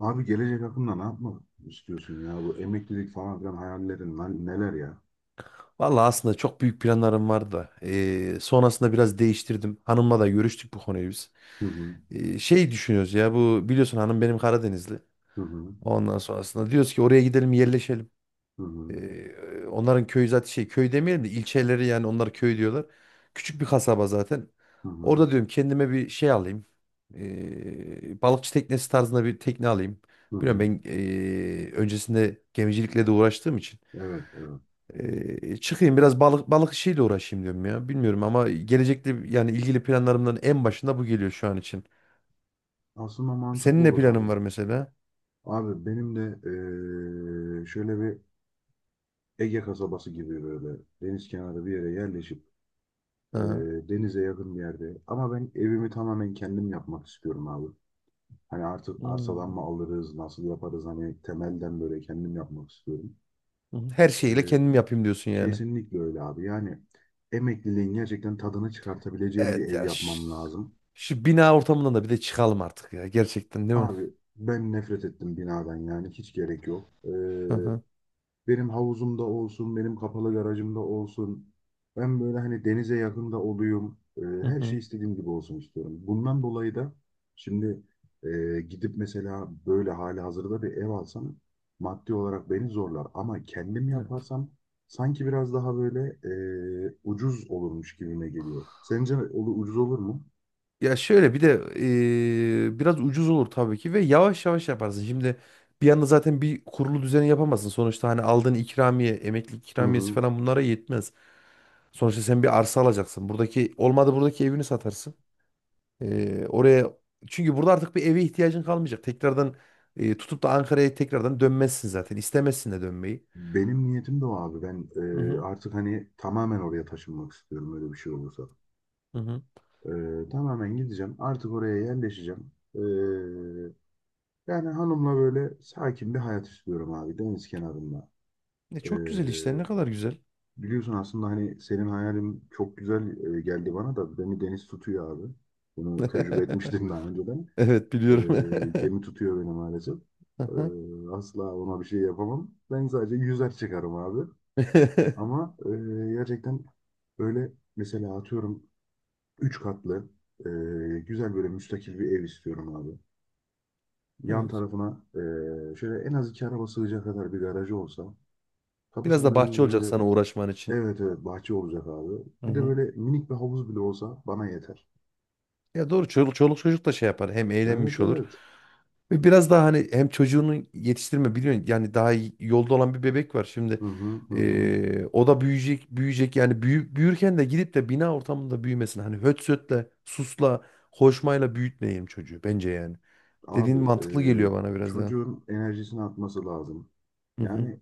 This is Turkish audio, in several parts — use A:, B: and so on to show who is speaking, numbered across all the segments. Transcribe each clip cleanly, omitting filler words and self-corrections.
A: Abi gelecek hakkında ne yapmak istiyorsun ya? Bu emeklilik falan filan hayallerin lan neler ya?
B: Vallahi aslında çok büyük planlarım vardı da. Sonrasında biraz değiştirdim. Hanımla da görüştük bu konuyu biz.
A: Hı hı,
B: Şey düşünüyoruz ya bu biliyorsun hanım benim Karadenizli.
A: hı hı,
B: Ondan sonrasında diyoruz ki oraya gidelim yerleşelim.
A: hı hı,
B: Eee, Onların köyü zaten şey köy demeyelim de ilçeleri yani onlar köy diyorlar. Küçük bir kasaba zaten.
A: hı hı,
B: Orada diyorum kendime bir şey alayım. Balıkçı teknesi tarzında bir tekne alayım.
A: hı
B: Biliyorum
A: hı.
B: ben öncesinde gemicilikle de uğraştığım için.
A: Evet, evet.
B: Çıkayım biraz balık işiyle uğraşayım diyorum ya. Bilmiyorum ama gelecekte yani ilgili planlarımdan en başında bu geliyor şu an için.
A: Aslında mantıklı
B: Senin ne
A: olur
B: planın
A: abi.
B: var mesela?
A: Abi benim de şöyle bir Ege kasabası gibi böyle deniz kenarı bir yere yerleşip,
B: Hı hı.
A: denize yakın bir yerde. Ama ben evimi tamamen kendim yapmak istiyorum abi. Hani artık arsadan
B: Hmm.
A: mı alırız, nasıl yaparız, hani temelden böyle kendim yapmak istiyorum.
B: Hı. Her şeyiyle kendim yapayım diyorsun yani.
A: Kesinlikle öyle abi. Yani emekliliğin gerçekten tadını çıkartabileceğim bir
B: Evet
A: ev
B: ya
A: yapmam lazım.
B: şu bina ortamından da bir de çıkalım artık ya gerçekten değil mi?
A: Abi ben nefret ettim binadan, yani hiç gerek yok.
B: Hı hı.
A: Benim havuzumda olsun, benim kapalı garajımda olsun. Ben böyle hani denize yakında olayım.
B: Hı
A: Her şey
B: hı.
A: istediğim gibi olsun istiyorum. Bundan dolayı da şimdi gidip mesela böyle hali hazırda bir ev alsam maddi olarak beni zorlar. Ama kendim
B: Evet.
A: yaparsam sanki biraz daha böyle ucuz olurmuş gibime geliyor. Sence ucuz olur mu?
B: Ya şöyle bir de biraz ucuz olur tabii ki ve yavaş yavaş yaparsın. Şimdi bir anda zaten bir kurulu düzeni yapamazsın. Sonuçta hani aldığın ikramiye, emeklilik
A: Hı
B: ikramiyesi
A: hı.
B: falan bunlara yetmez. Sonuçta sen bir arsa alacaksın. Buradaki olmadı buradaki evini satarsın. Oraya çünkü burada artık bir eve ihtiyacın kalmayacak. Tekrardan tutup da Ankara'ya tekrardan dönmezsin zaten. İstemezsin de dönmeyi.
A: Benim niyetim de o abi. Ben
B: Hı hı,
A: artık hani tamamen oraya taşınmak istiyorum öyle bir şey olursa.
B: hı hı.
A: Tamamen gideceğim. Artık oraya yerleşeceğim. Yani hanımla böyle sakin bir hayat istiyorum abi. Deniz kenarında.
B: Ne
A: Ee,
B: çok güzel işte. Ne kadar güzel.
A: Biliyorsun aslında hani senin hayalin çok güzel geldi bana da, beni deniz tutuyor abi. Bunu tecrübe etmiştim daha önceden.
B: Evet biliyorum.
A: Gemi tutuyor beni maalesef.
B: Hı hı.
A: Asla ona bir şey yapamam. Ben sadece yüzer çıkarım abi. Ama gerçekten böyle mesela atıyorum üç katlı, e, güzel böyle müstakil bir ev istiyorum abi. Yan
B: Evet.
A: tarafına şöyle en az iki araba sığacak kadar bir garajı olsa.
B: Biraz da
A: Kapısının
B: bahçe
A: önünde de
B: olacak
A: böyle
B: sana uğraşman için.
A: evet, evet, bahçe olacak abi.
B: Hı
A: Bir de
B: hı.
A: böyle minik bir havuz bile olsa bana yeter.
B: Ya doğru çoluk, çoluk çocuk da şey yapar. Hem
A: Evet,
B: eğlenmiş olur.
A: evet.
B: Ve biraz daha hani hem çocuğunu yetiştirme biliyorsun yani daha yolda olan bir bebek var şimdi.
A: Hı hı, hı hı.
B: O da büyüyecek yani büyürken de gidip de bina ortamında büyümesin. Hani höt sötle, susla, hoşmayla büyütmeyelim çocuğu bence yani. Dediğin
A: Abi,
B: mantıklı geliyor bana biraz daha.
A: çocuğun enerjisini atması lazım.
B: Hı hı.
A: Yani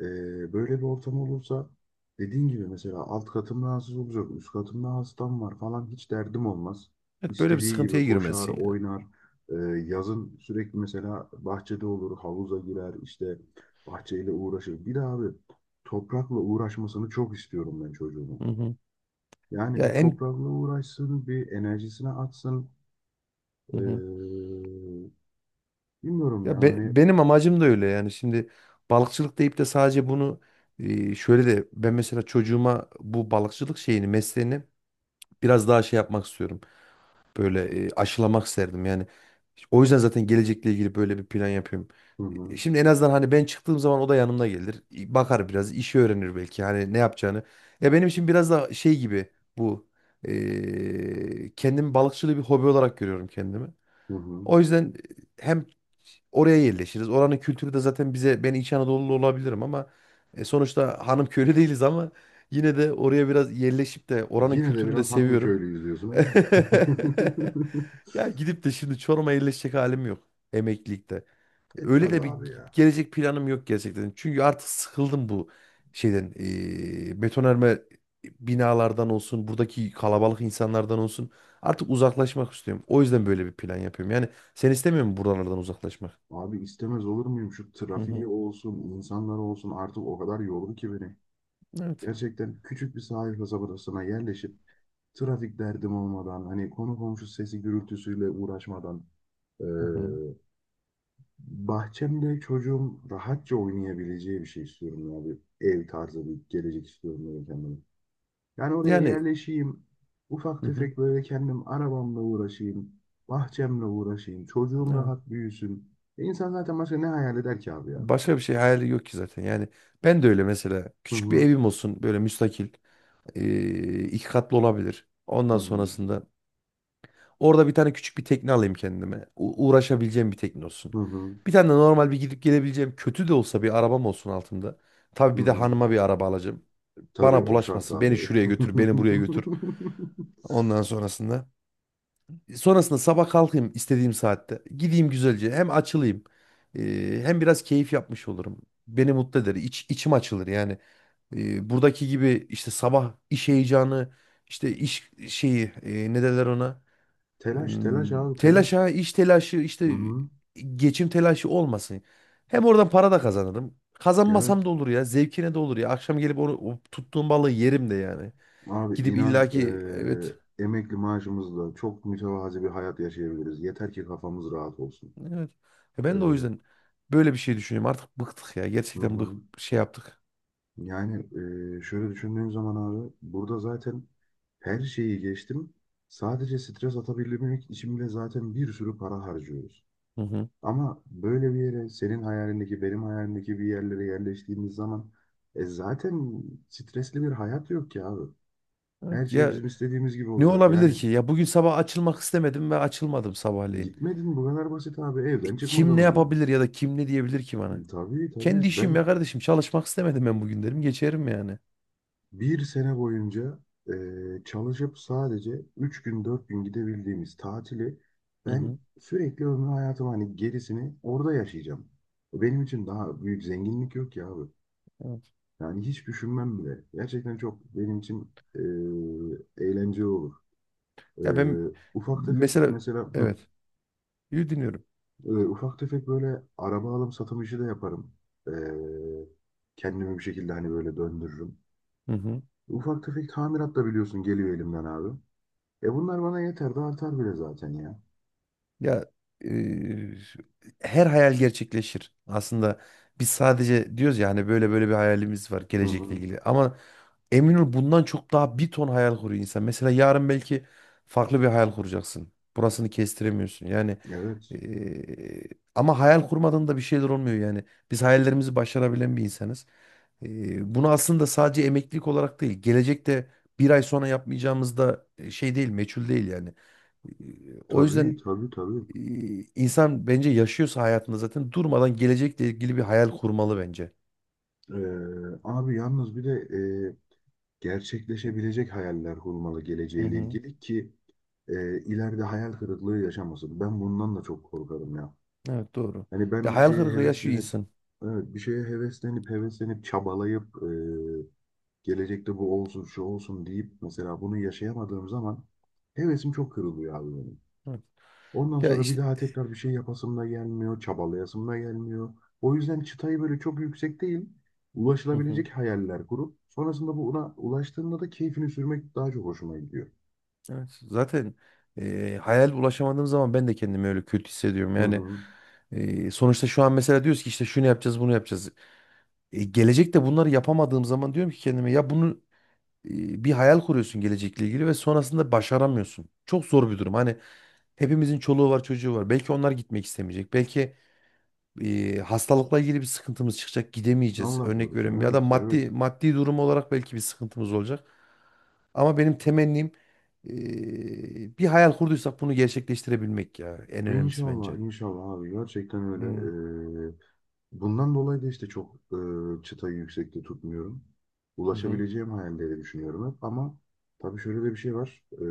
A: e, böyle bir ortam olursa dediğin gibi mesela alt katım rahatsız olacak, üst katımda hastam var falan, hiç derdim olmaz.
B: Evet, böyle bir
A: İstediği
B: sıkıntıya
A: gibi koşar,
B: girmesin ya.
A: oynar. E, Yazın sürekli mesela bahçede olur, havuza girer, işte bahçeyle uğraşır. Bir de abi, toprakla uğraşmasını çok istiyorum ben çocuğumun.
B: Hı hı.
A: Yani
B: Ya
A: bir
B: en
A: toprakla uğraşsın, bir enerjisini atsın.
B: hı hı.
A: E, Bilmiyorum
B: Ya
A: yani.
B: benim amacım da öyle yani şimdi balıkçılık deyip de sadece bunu şöyle de ben mesela çocuğuma bu balıkçılık şeyini mesleğini biraz daha şey yapmak istiyorum. Böyle aşılamak isterdim yani. O yüzden zaten gelecekle ilgili böyle bir plan yapıyorum.
A: Hı hı,
B: Şimdi en azından hani ben çıktığım zaman o da yanımda gelir. E, bakar biraz, işi öğrenir belki. Hani ne yapacağını. Ya benim için biraz da şey gibi bu. Kendimi balıkçılığı bir hobi olarak görüyorum kendimi.
A: hı hı.
B: O yüzden hem oraya yerleşiriz. Oranın kültürü de zaten bize ben İç Anadolu'lu olabilirim ama sonuçta hanım köylü değiliz ama yine de oraya biraz yerleşip de oranın
A: Yine de
B: kültürünü de
A: biraz hanım
B: seviyorum.
A: köylüyüz diyorsun ha?
B: Ya gidip de şimdi Çorum'a yerleşecek halim yok emeklilikte.
A: E
B: Öyle
A: tabi
B: de bir
A: abi ya.
B: gelecek planım yok gerçekten. Çünkü artık sıkıldım bu şeyden. Betonarme binalardan olsun, buradaki kalabalık insanlardan olsun. Artık uzaklaşmak istiyorum. O yüzden böyle bir plan yapıyorum. Yani sen istemiyor musun buralardan uzaklaşmak?
A: Abi istemez olur muyum? Şu
B: Hı
A: trafiği
B: hı.
A: olsun, insanlar olsun, artık o kadar yordu ki beni.
B: Evet.
A: Gerçekten küçük bir sahil kasabasına yerleşip, trafik derdim olmadan, hani konu komşu sesi gürültüsüyle uğraşmadan, eee,
B: Hı hı.
A: bahçemde çocuğum rahatça oynayabileceği bir şey istiyorum abi. Ev tarzı bir gelecek istiyorum böyle kendime. Yani oraya
B: Yani
A: yerleşeyim. Ufak
B: hı hı.
A: tefek böyle kendim arabamla uğraşayım. Bahçemle uğraşayım. Çocuğum
B: Evet.
A: rahat büyüsün. E insan zaten başka ne hayal eder ki abi ya?
B: Başka bir şey hayali yok ki zaten. Yani ben de öyle mesela
A: Hı
B: küçük bir
A: hı.
B: evim olsun böyle müstakil, iki katlı olabilir.
A: Hı
B: Ondan
A: hı.
B: sonrasında orada bir tane küçük bir tekne alayım kendime. Uğraşabileceğim bir tekne olsun.
A: Hı hı.
B: Bir tane de normal bir gidip gelebileceğim kötü de olsa bir arabam olsun altında. Tabii
A: Hı
B: bir de
A: hı.
B: hanıma bir araba alacağım.
A: Tabii
B: Bana
A: o şart
B: bulaşmasın. Beni
A: abi.
B: şuraya götür, beni buraya götür. Ondan sonrasında. Sonrasında sabah kalkayım istediğim saatte. Gideyim güzelce. Hem açılayım. Hem biraz keyif yapmış olurum. Beni mutlu eder. İçim açılır yani. E, buradaki gibi işte sabah iş heyecanı, işte iş şeyi, e, ne derler ona?
A: Telaş, telaş abi, telaş.
B: Telaşa, iş telaşı,
A: Hı
B: işte
A: hı.
B: geçim telaşı olmasın. Hem oradan para da kazanırım.
A: Evet.
B: Kazanmasam da olur ya. Zevkine de olur ya. Akşam gelip onu o tuttuğum balığı yerim de yani.
A: Abi
B: Gidip
A: inan,
B: illaki evet.
A: emekli maaşımızla çok mütevazi bir hayat yaşayabiliriz. Yeter ki kafamız rahat olsun.
B: Evet. E
A: E,
B: ben de o yüzden böyle bir şey düşünüyorum. Artık bıktık ya.
A: hı
B: Gerçekten bık
A: hı.
B: şey yaptık.
A: Yani şöyle düşündüğüm zaman abi, burada zaten her şeyi geçtim. Sadece stres atabilmek için bile zaten bir sürü para harcıyoruz.
B: Hı hı.
A: Ama böyle bir yere, senin hayalindeki benim hayalimdeki bir yerlere yerleştiğimiz zaman, zaten stresli bir hayat yok ki abi. Her
B: Evet.
A: şey
B: Ya
A: bizim istediğimiz gibi
B: ne
A: olacak.
B: olabilir
A: Yani
B: ki? Ya bugün sabah açılmak istemedim ve açılmadım sabahleyin.
A: gitmedin, bu kadar basit abi, evden
B: Kim
A: çıkmadan
B: ne
A: o gün.
B: yapabilir ya da kim ne diyebilir ki bana?
A: Tabii, tabii.
B: Kendi işim ya
A: Ben
B: kardeşim. Çalışmak istemedim ben bugün derim. Geçerim yani.
A: bir sene boyunca çalışıp sadece 3 gün 4 gün gidebildiğimiz tatili,
B: Hı
A: ben
B: hı.
A: sürekli ömrü hayatımı hani gerisini orada yaşayacağım. Benim için daha büyük zenginlik yok ya abi.
B: Evet.
A: Yani hiç düşünmem bile. Gerçekten çok benim için eğlenceli olur. E,
B: Ya ben
A: ufak tefek
B: mesela
A: mesela
B: evet yü dinliyorum.
A: ufak tefek böyle araba alım satım işi de yaparım. E, kendimi bir şekilde hani böyle döndürürüm.
B: Hı hı.
A: Ufak tefek tamirat da biliyorsun geliyor elimden abi. E bunlar bana yeter de artar bile zaten ya.
B: Ya e, her hayal gerçekleşir. Aslında biz sadece diyoruz ya hani böyle böyle bir hayalimiz var
A: Hı
B: gelecekle
A: hı.
B: ilgili. Ama emin ol bundan çok daha bir ton hayal kuruyor insan. Mesela yarın belki farklı bir hayal kuracaksın. Burasını kestiremiyorsun. Yani
A: Evet.
B: e, ama hayal kurmadan da bir şeyler olmuyor yani. Biz hayallerimizi başarabilen bir insanız. E, bunu aslında sadece emeklilik olarak değil, gelecekte bir ay sonra yapmayacağımız da şey değil, meçhul değil yani. E, O yüzden
A: Tabii, tabii, tabii.
B: e, insan bence yaşıyorsa hayatında zaten durmadan gelecekle ilgili bir hayal kurmalı bence.
A: Abi yalnız bir de e, gerçekleşebilecek hayaller kurmalı
B: Hı
A: geleceğiyle
B: hı.
A: ilgili ki ileride hayal kırıklığı yaşamasın. Ben bundan da çok korkarım ya.
B: Evet doğru.
A: Hani
B: Ya
A: ben bir
B: hayal
A: şeye
B: kırıklığı yaşıyor
A: heveslenip,
B: insan.
A: evet, bir şeye heveslenip heveslenip çabalayıp, gelecekte bu olsun şu olsun deyip mesela bunu yaşayamadığım zaman, hevesim çok kırılıyor abi benim.
B: Hı.
A: Ondan
B: Ya
A: sonra bir
B: işte
A: daha tekrar bir şey yapasım da gelmiyor, çabalayasım da gelmiyor. O yüzden çıtayı böyle çok yüksek değil,
B: hı hı.
A: ulaşılabilecek hayaller kurup sonrasında buna ulaştığında da keyfini sürmek daha çok hoşuma gidiyor.
B: Evet, zaten hayal ulaşamadığım zaman ben de kendimi öyle kötü hissediyorum.
A: Hı
B: Yani
A: hı.
B: sonuçta şu an mesela diyoruz ki işte şunu yapacağız, bunu yapacağız. E, gelecekte bunları yapamadığım zaman diyorum ki kendime ya bunu bir hayal kuruyorsun gelecekle ilgili ve sonrasında başaramıyorsun. Çok zor bir durum. Hani hepimizin çoluğu var, çocuğu var. Belki onlar gitmek istemeyecek. Belki hastalıkla ilgili bir sıkıntımız çıkacak, gidemeyeceğiz.
A: Allah
B: Örnek veriyorum
A: korusun.
B: ya da
A: Evet, evet.
B: maddi durum olarak belki bir sıkıntımız olacak. Ama benim temennim bir hayal kurduysak bunu gerçekleştirebilmek ya en önemlisi
A: İnşallah,
B: bence.
A: inşallah abi. Gerçekten öyle.
B: Hmm,
A: Bundan dolayı da işte çok çıtayı yüksekte tutmuyorum.
B: hı hı.
A: Ulaşabileceğim hayalleri düşünüyorum hep. Ama tabii şöyle de bir şey var. E,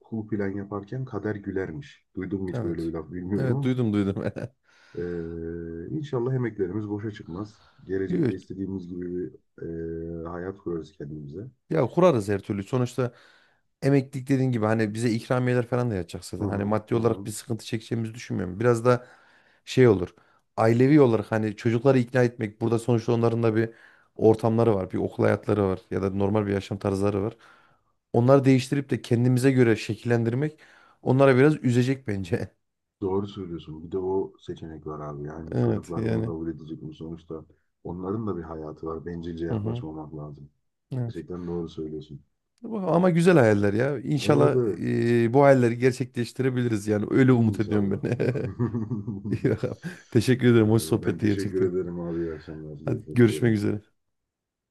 A: kul plan yaparken kader gülermiş. Duydun mu hiç böyle bir
B: Evet.
A: laf bilmiyorum
B: Evet
A: ama
B: duydum.
A: inşallah emeklerimiz boşa çıkmaz.
B: Yo,
A: Gelecekte istediğimiz gibi bir hayat kurarız kendimize.
B: ya kurarız her türlü. Sonuçta emeklilik dediğin gibi hani bize ikramiyeler falan da yatacak
A: Hı
B: zaten. Hani
A: hı,
B: maddi
A: hı
B: olarak
A: hı.
B: bir sıkıntı çekeceğimizi düşünmüyorum. Biraz da şey olur. Ailevi olarak hani çocukları ikna etmek. Burada sonuçta onların da bir ortamları var. Bir okul hayatları var. Ya da normal bir yaşam tarzları var. Onları değiştirip de kendimize göre şekillendirmek onlara biraz üzecek bence.
A: Doğru söylüyorsun. Bir de o seçenek var abi. Yani
B: Evet
A: çocuklar bunu
B: yani.
A: kabul edecek mi? Sonuçta onların da bir hayatı var. Bencilce
B: Hı hı.
A: yaklaşmamak lazım.
B: Evet.
A: Gerçekten doğru söylüyorsun.
B: Bu- ama güzel hayaller ya.
A: Evet,
B: İnşallah
A: evet.
B: bu hayalleri gerçekleştirebiliriz yani. Öyle umut ediyorum
A: İnşallah.
B: ben. İyi bakalım. Teşekkür ederim. Hoş
A: Ben
B: sohbetti
A: teşekkür
B: gerçekten.
A: ederim abi. İyi akşamlar.
B: Hadi
A: Görüşmek
B: görüşmek
A: üzere.
B: üzere.